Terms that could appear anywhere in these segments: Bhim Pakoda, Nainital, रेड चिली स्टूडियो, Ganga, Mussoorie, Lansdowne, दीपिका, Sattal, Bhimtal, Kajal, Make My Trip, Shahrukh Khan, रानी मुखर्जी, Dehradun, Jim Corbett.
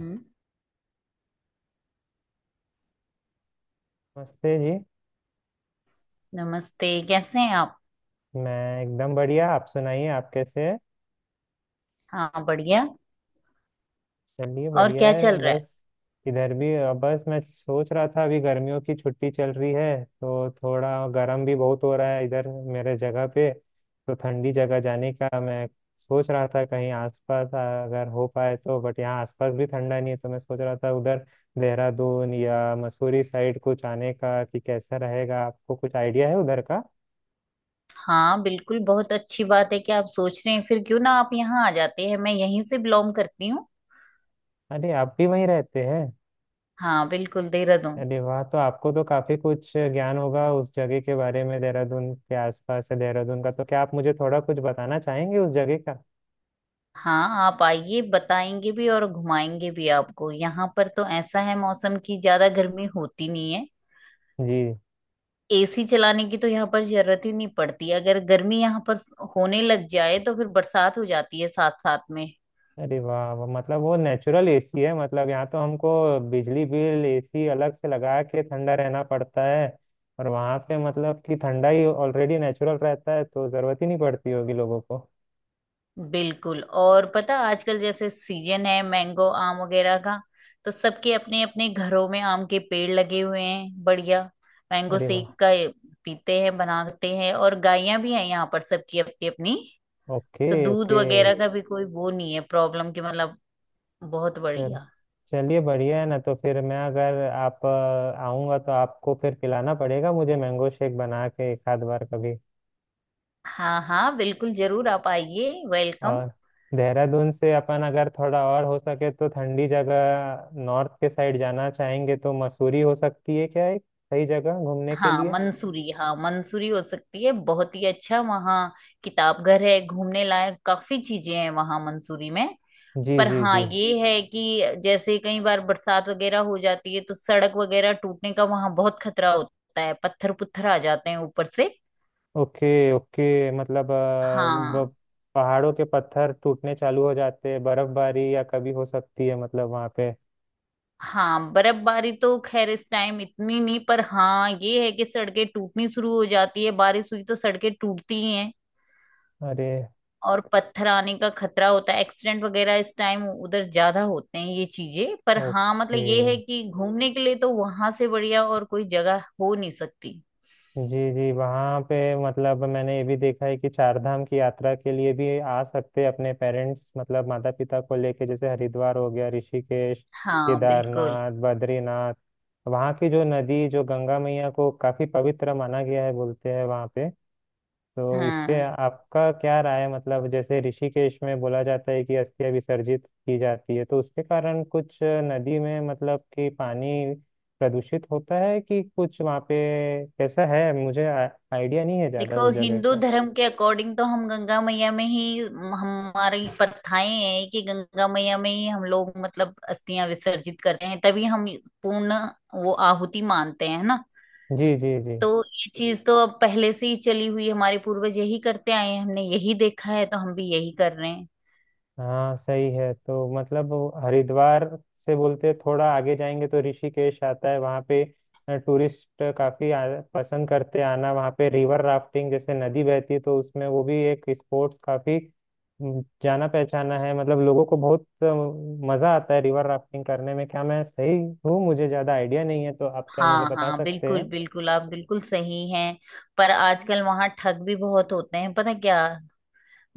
हम्म, नमस्ते जी। नमस्ते। कैसे हैं आप। मैं एकदम बढ़िया। आप सुनाइए, आप कैसे हैं? हाँ बढ़िया। चलिए और बढ़िया क्या है। चल रहा है। बस इधर भी बस मैं सोच रहा था अभी गर्मियों की छुट्टी चल रही है तो थोड़ा गर्म भी बहुत हो रहा है इधर मेरे जगह पे। तो ठंडी जगह जाने का मैं सोच रहा था कहीं आसपास, अगर हो पाए तो। बट यहाँ आसपास भी ठंडा नहीं है, तो मैं सोच रहा था उधर देहरादून या मसूरी साइड कुछ आने का, कि कैसा रहेगा? आपको कुछ आइडिया है उधर का? हाँ बिल्कुल, बहुत अच्छी बात है कि आप सोच रहे हैं। फिर क्यों ना आप यहाँ आ जाते हैं, मैं यहीं से बिलोंग करती हूँ। अरे, आप भी वहीं रहते हैं? हाँ बिल्कुल, देहरादून। अरे वाह, तो आपको तो काफी कुछ ज्ञान होगा उस जगह के बारे में। देहरादून के आसपास है देहरादून का, तो क्या आप मुझे थोड़ा कुछ बताना चाहेंगे उस जगह का? हाँ आप आइए, बताएंगे भी और घुमाएंगे भी आपको। यहाँ पर तो ऐसा है, मौसम की ज्यादा गर्मी होती नहीं है। जी। एसी चलाने की तो यहाँ पर जरूरत ही नहीं पड़ती। अगर गर्मी यहाँ पर होने लग जाए तो फिर बरसात हो जाती है साथ साथ में। अरे वाह, मतलब वो नेचुरल एसी है। मतलब यहाँ तो हमको बिजली बिल एसी अलग से लगा के ठंडा रहना पड़ता है, और वहाँ पे मतलब कि ठंडा ही ऑलरेडी नेचुरल रहता है तो जरूरत ही नहीं पड़ती होगी लोगों को। बिल्कुल। और पता, आजकल जैसे सीजन है मैंगो आम वगैरह का, तो सबके अपने अपने घरों में आम के पेड़ लगे हुए हैं। बढ़िया मैंगो अरे वाह। शेक का ये पीते हैं, बनाते हैं। और गायें भी हैं यहाँ पर सबकी अपनी अपनी, ओके तो दूध ओके। वगैरह का भी कोई वो नहीं है प्रॉब्लम की, मतलब बहुत चल, बढ़िया। चलिए बढ़िया है ना। तो फिर मैं, अगर आऊँगा तो आपको फिर पिलाना पड़ेगा मुझे मैंगो शेक बना के एक आध बार कभी। हाँ हाँ बिल्कुल, जरूर आप आइए, वेलकम। और देहरादून से अपन अगर थोड़ा और हो सके तो ठंडी जगह नॉर्थ के साइड जाना चाहेंगे तो मसूरी हो सकती है क्या एक सही जगह घूमने के हाँ लिए? मंसूरी, हाँ मंसूरी हो सकती है, बहुत ही अच्छा वहाँ किताब घर है, घूमने लायक काफी चीजें हैं वहाँ मंसूरी में। जी पर जी हाँ जी। ये है कि जैसे कई बार बरसात वगैरह हो जाती है तो सड़क वगैरह टूटने का वहां बहुत खतरा होता है, पत्थर पुत्थर आ जाते हैं ऊपर से। ओके ओके, मतलब हाँ। पहाड़ों के पत्थर टूटने चालू हो जाते हैं। बर्फबारी या कभी हो सकती है मतलब वहाँ पे? हाँ बर्फबारी तो खैर इस टाइम इतनी नहीं, पर हाँ ये है कि सड़कें टूटनी शुरू हो जाती है, बारिश हुई तो सड़कें टूटती ही हैं। अरे। और पत्थर आने का खतरा होता है, एक्सीडेंट वगैरह इस टाइम उधर ज्यादा होते हैं ये चीजें। पर हाँ मतलब ओके। ये है कि घूमने के लिए तो वहां से बढ़िया और कोई जगह हो नहीं सकती। जी जी। वहाँ पे मतलब मैंने ये भी देखा है कि चार धाम की यात्रा के लिए भी आ सकते हैं अपने पेरेंट्स, मतलब माता पिता को लेके, जैसे हरिद्वार हो गया, ऋषिकेश, हाँ बिल्कुल। केदारनाथ, बद्रीनाथ। वहाँ की जो नदी, जो गंगा मैया को काफी पवित्र माना गया है, बोलते हैं वहाँ पे। तो इस पे हाँ आपका क्या राय है, मतलब जैसे ऋषिकेश में बोला जाता है कि अस्थियां विसर्जित की जाती है तो उसके कारण कुछ नदी में मतलब कि पानी प्रदूषित होता है कि कुछ वहाँ पे कैसा है? आइडिया नहीं है ज़्यादा देखो, उस जगह हिंदू का। धर्म के अकॉर्डिंग तो हम गंगा मैया में ही, हमारी प्रथाएं हैं कि गंगा मैया में ही हम लोग मतलब अस्थियां विसर्जित करते हैं, तभी हम पूर्ण वो आहुति मानते हैं ना। जी जी जी। तो ये चीज तो अब पहले से ही चली हुई है, हमारे पूर्वज यही करते आए हैं, हमने यही देखा है तो हम भी यही कर रहे हैं। हाँ सही है। तो मतलब वो हरिद्वार से बोलते थोड़ा आगे जाएंगे तो ऋषिकेश आता है, वहाँ पे टूरिस्ट काफी पसंद करते हैं आना। वहाँ पे रिवर राफ्टिंग, जैसे नदी बहती है तो उसमें वो भी एक स्पोर्ट्स काफी जाना पहचाना है, मतलब लोगों को बहुत मजा आता है रिवर राफ्टिंग करने में। क्या मैं सही हूँ? मुझे ज्यादा आइडिया नहीं है, तो आप क्या मुझे हाँ बता हाँ सकते बिल्कुल, हैं? बिल्कुल आप बिल्कुल सही हैं। पर आजकल वहां ठग भी बहुत होते हैं, पता क्या।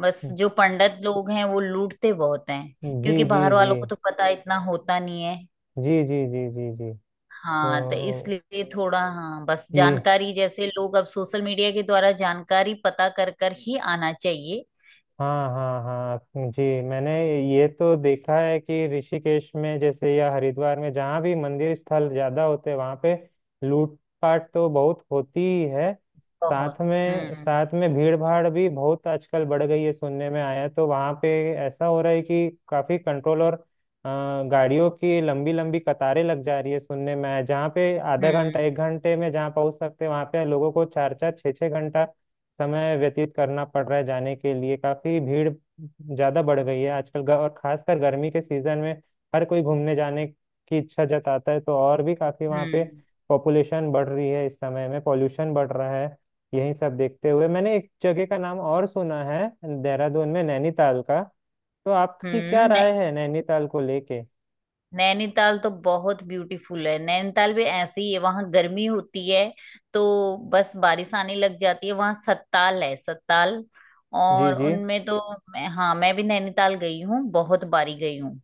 बस जो पंडित लोग हैं वो लूटते बहुत हैं, जी क्योंकि जी बाहर जी वालों को तो पता इतना होता नहीं है। जी जी जी जी जी। तो हाँ तो इसलिए थोड़ा, हाँ बस ये। जानकारी जैसे लोग अब सोशल मीडिया के द्वारा जानकारी पता कर कर ही आना चाहिए। हाँ हाँ हाँ। जी। मैंने ये तो देखा है कि ऋषिकेश में जैसे या हरिद्वार में जहाँ भी मंदिर स्थल ज्यादा होते हैं वहाँ पे लूटपाट तो बहुत होती ही है। बहुत। हम्म। साथ में भीड़ भाड़ भी बहुत आजकल बढ़ गई है सुनने में आया है। तो वहाँ पे ऐसा हो रहा है कि काफी कंट्रोल और अ, गाड़ियों की लंबी लंबी कतारें लग जा रही है, सुनने में आया जहाँ पे आधा घंटा हम्म। एक घंटे में जहाँ पहुंच सकते हैं वहाँ पे लोगों को 4-4 6-6 घंटा समय व्यतीत करना पड़ रहा है जाने के लिए। काफी भीड़ ज्यादा बढ़ गई है आजकल, और खासकर गर्मी के सीजन में हर कोई घूमने जाने की इच्छा जताता है तो और भी काफी वहाँ पे हम्म। पॉपुलेशन बढ़ रही है। इस समय में पॉल्यूशन बढ़ रहा है। यही सब देखते हुए मैंने एक जगह का नाम और सुना है, देहरादून में नैनीताल का। तो आपकी क्या हम्म। राय नहीं, है नैनीताल को लेके? नैनीताल तो बहुत ब्यूटीफुल है। नैनीताल भी ऐसे ही है, वहां गर्मी होती है तो बस बारिश आने लग जाती है। वहां सत्ताल है, सत्ताल। जी और जी। उनमें तो हाँ मैं भी नैनीताल गई हूँ, बहुत बारी गई हूँ।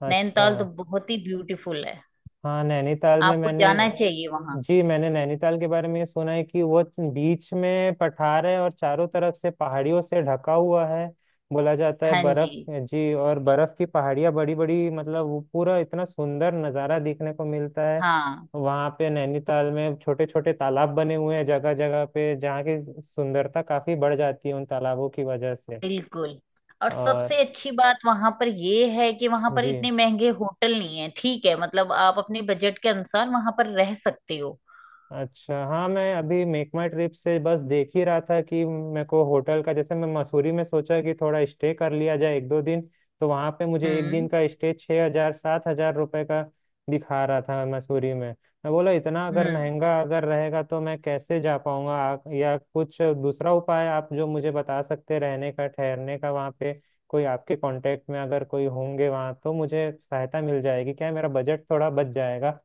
अच्छा। नैनीताल तो बहुत ही ब्यूटीफुल है, हाँ नैनीताल में आपको मैंने। जाना चाहिए वहां। जी मैंने नैनीताल के बारे में ये सुना है कि वो बीच में पठार है और चारों तरफ से पहाड़ियों से ढका हुआ है। बोला जाता है हाँ जी। बर्फ जी और बर्फ की पहाड़ियाँ बड़ी बड़ी, मतलब वो पूरा इतना सुंदर नज़ारा देखने को मिलता है हाँ वहाँ पे। नैनीताल में छोटे छोटे तालाब बने हुए हैं जगह जगह पे, जहाँ की सुंदरता काफी बढ़ जाती है उन तालाबों की वजह से। बिल्कुल। और और सबसे अच्छी बात वहां पर ये है कि वहां पर जी। इतने महंगे होटल नहीं है, ठीक है, मतलब आप अपने बजट के अनुसार वहां पर रह सकते हो। अच्छा, हाँ मैं अभी मेक माई ट्रिप से बस देख ही रहा था कि मेरे को होटल का, जैसे मैं मसूरी में सोचा कि थोड़ा स्टे कर लिया जाए 1-2 दिन, तो वहाँ पे मुझे 1 दिन हम्म। का स्टे 6,000-7,000 रुपये का दिखा रहा था मसूरी में। मैं बोला इतना अगर हम्म। महंगा अगर रहेगा तो मैं कैसे जा पाऊँगा? या कुछ दूसरा उपाय आप जो मुझे बता सकते हैं रहने का, ठहरने का वहाँ पे? कोई आपके कांटेक्ट में अगर कोई होंगे वहाँ, तो मुझे सहायता मिल जाएगी क्या? मेरा बजट थोड़ा बच जाएगा।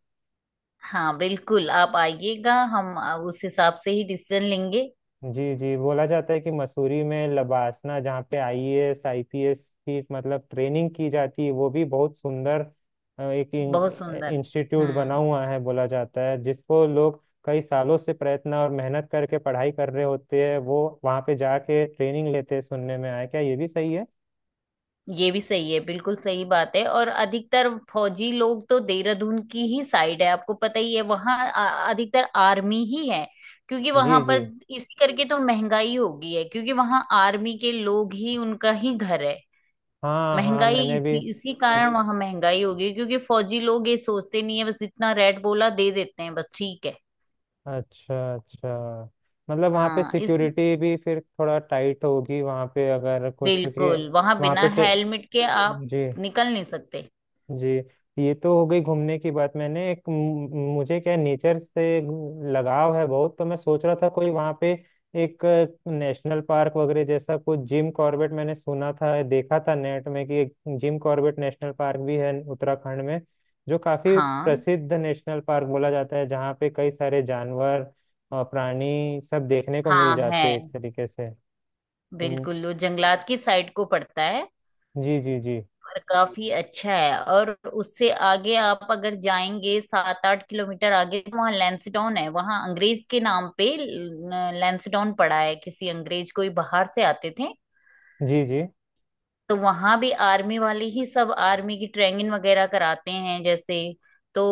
हाँ बिल्कुल आप आइएगा, हम उस हिसाब से ही डिसीजन लेंगे। जी जी। बोला जाता है कि मसूरी में लबासना जहाँ पे आईएएस आईपीएस की मतलब ट्रेनिंग की जाती है, वो भी बहुत सुंदर एक बहुत सुंदर। इंस्टीट्यूट बना हम्म, हुआ है, बोला जाता है जिसको लोग कई सालों से प्रयत्न और मेहनत करके पढ़ाई कर रहे होते हैं वो वहाँ पे जाके ट्रेनिंग लेते हैं, सुनने में आया। क्या ये भी सही है? ये भी सही है, बिल्कुल सही बात है। और अधिकतर फौजी लोग तो देहरादून की ही साइड है, आपको पता ही है वहाँ अधिकतर आर्मी ही है। क्योंकि वहां जी पर जी। इसी करके तो महंगाई हो गई है, क्योंकि वहां आर्मी के लोग ही, उनका ही घर है। हाँ हाँ महंगाई मैंने भी। इसी इसी कारण वहां महंगाई हो गई, क्योंकि फौजी लोग ये सोचते नहीं है, बस इतना रेट बोला दे देते हैं, बस ठीक है। अच्छा अच्छा। मतलब वहाँ पे हाँ इस सिक्योरिटी भी फिर थोड़ा टाइट होगी वहाँ पे अगर कुछ, क्योंकि बिल्कुल, वहां वहाँ बिना पे। हेलमेट के आप जी निकल नहीं सकते। जी। ये तो हो गई घूमने की बात। मैंने एक मुझे क्या नेचर से लगाव है बहुत, तो मैं सोच रहा था कोई वहाँ पे एक नेशनल पार्क वगैरह जैसा कुछ, जिम कॉर्बेट मैंने सुना था, देखा था नेट में कि एक जिम कॉर्बेट नेशनल पार्क भी है उत्तराखंड में जो काफी हाँ। प्रसिद्ध नेशनल पार्क बोला जाता है जहाँ पे कई सारे जानवर और प्राणी सब देखने को मिल हाँ है, जाते हैं एक तरीके से। तो बिल्कुल वो जंगलात की साइड को पड़ता है। जी जी जी और काफी अच्छा है। और उससे आगे आप अगर जाएंगे सात आठ किलोमीटर आगे तो वहाँ लैंसडाउन है। वहाँ अंग्रेज के नाम पे लैंसडाउन पड़ा है, किसी अंग्रेज, कोई बाहर से आते थे। जी जी। तो वहां भी आर्मी वाले ही, सब आर्मी की ट्रेनिंग वगैरह कराते हैं जैसे। तो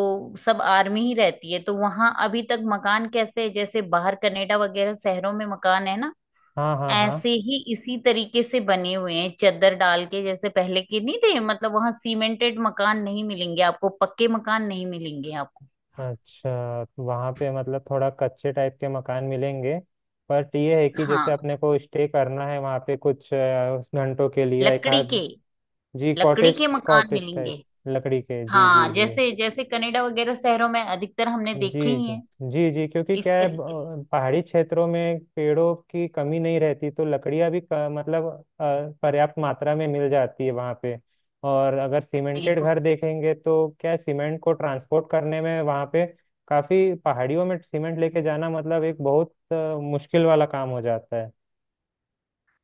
सब आर्मी ही रहती है। तो वहां अभी तक मकान कैसे है, जैसे बाहर कनाडा वगैरह शहरों में मकान है ना, हाँ हाँ हाँ। ऐसे ही इसी तरीके से बने हुए हैं, चद्दर डाल के, जैसे पहले के, नहीं थे मतलब वहां सीमेंटेड मकान नहीं मिलेंगे आपको, पक्के मकान नहीं मिलेंगे आपको। अच्छा, तो वहाँ पे मतलब थोड़ा कच्चे टाइप के मकान मिलेंगे। बट ये है कि जैसे हाँ अपने को स्टे करना है वहाँ पे कुछ घंटों के लिए एक लकड़ी के, आध। जी लकड़ी कॉटेज के मकान कॉटेज मिलेंगे। टाइप। लकड़ी के जी जी हाँ जी जैसे जैसे कनाडा वगैरह शहरों में अधिकतर हमने देखे जी ही हैं जी जी जी, क्योंकि इस क्या है तरीके से। पहाड़ी क्षेत्रों में पेड़ों की कमी नहीं रहती तो लकड़ियाँ भी मतलब अ, पर्याप्त मात्रा में मिल जाती है वहाँ पे। और अगर सीमेंटेड बिल्कुल। घर देखेंगे तो क्या है, सीमेंट को ट्रांसपोर्ट करने में वहाँ पे काफी पहाड़ियों में सीमेंट लेके जाना मतलब एक बहुत मुश्किल वाला काम हो जाता है,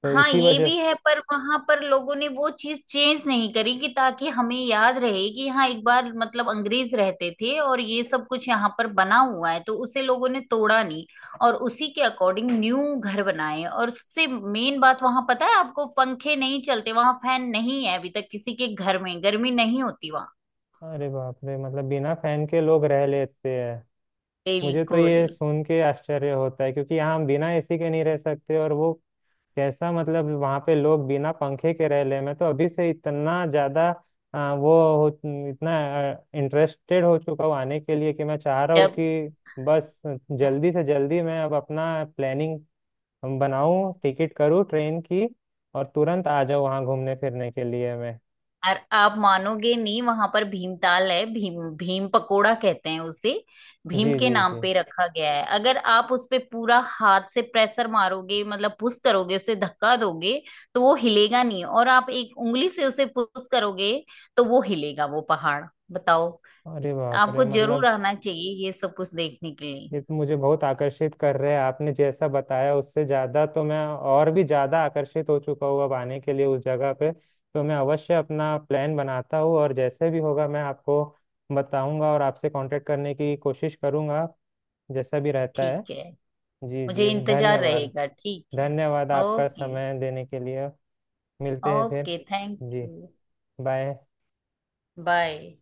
तो हाँ इसी ये वजह भी से। है, पर वहां पर लोगों ने वो चीज चेंज नहीं करी कि ताकि हमें याद रहे कि हाँ एक बार मतलब अंग्रेज रहते थे और ये सब कुछ यहाँ पर बना हुआ है, तो उसे लोगों ने तोड़ा नहीं। और उसी के अकॉर्डिंग न्यू घर बनाए। और सबसे मेन बात वहां, पता है आपको, पंखे नहीं चलते वहां, फैन नहीं है अभी तक किसी के घर में, गर्मी नहीं होती वहां। अरे बाप रे, मतलब बिना फैन के लोग रह लेते हैं? मुझे तो बिल्कुल। ये सुन के आश्चर्य होता है, क्योंकि यहाँ हम बिना एसी के नहीं रह सकते, और वो कैसा मतलब वहां पे लोग बिना पंखे के रह ले। मैं तो अभी से इतना ज्यादा आ, वो हो इतना इंटरेस्टेड हो चुका हूँ आने के लिए कि मैं चाह रहा हूँ जब कि बस जल्दी से जल्दी मैं अब अपना प्लानिंग बनाऊं, टिकट करूँ ट्रेन की, और तुरंत आ जाऊँ वहाँ घूमने फिरने के लिए मैं। और आप मानोगे नहीं, वहां पर भीमताल है, भीम भीम पकोड़ा कहते हैं उसे, भीम जी के जी नाम जी। पे रखा गया है। अगर आप उस पे पूरा हाथ से प्रेशर मारोगे, मतलब पुश करोगे, उसे धक्का दोगे तो वो हिलेगा नहीं। और आप एक उंगली से उसे पुश करोगे तो वो हिलेगा, वो पहाड़, बताओ। अरे बाप रे, आपको जरूर मतलब आना चाहिए ये सब कुछ देखने के लिए। ये तो मुझे बहुत आकर्षित कर रहे हैं। आपने जैसा बताया उससे ज़्यादा तो मैं और भी ज़्यादा आकर्षित हो चुका हूँ अब आने के लिए उस जगह पे। तो मैं अवश्य अपना प्लान बनाता हूँ और जैसे भी होगा मैं आपको बताऊंगा और आपसे कांटेक्ट करने की कोशिश करूंगा जैसा भी रहता है। ठीक है, जी मुझे जी। इंतजार धन्यवाद। रहेगा, ठीक है। धन्यवाद आपका ओके। समय देने के लिए। मिलते हैं फिर। ओके, थैंक जी। यू। बाय। बाय।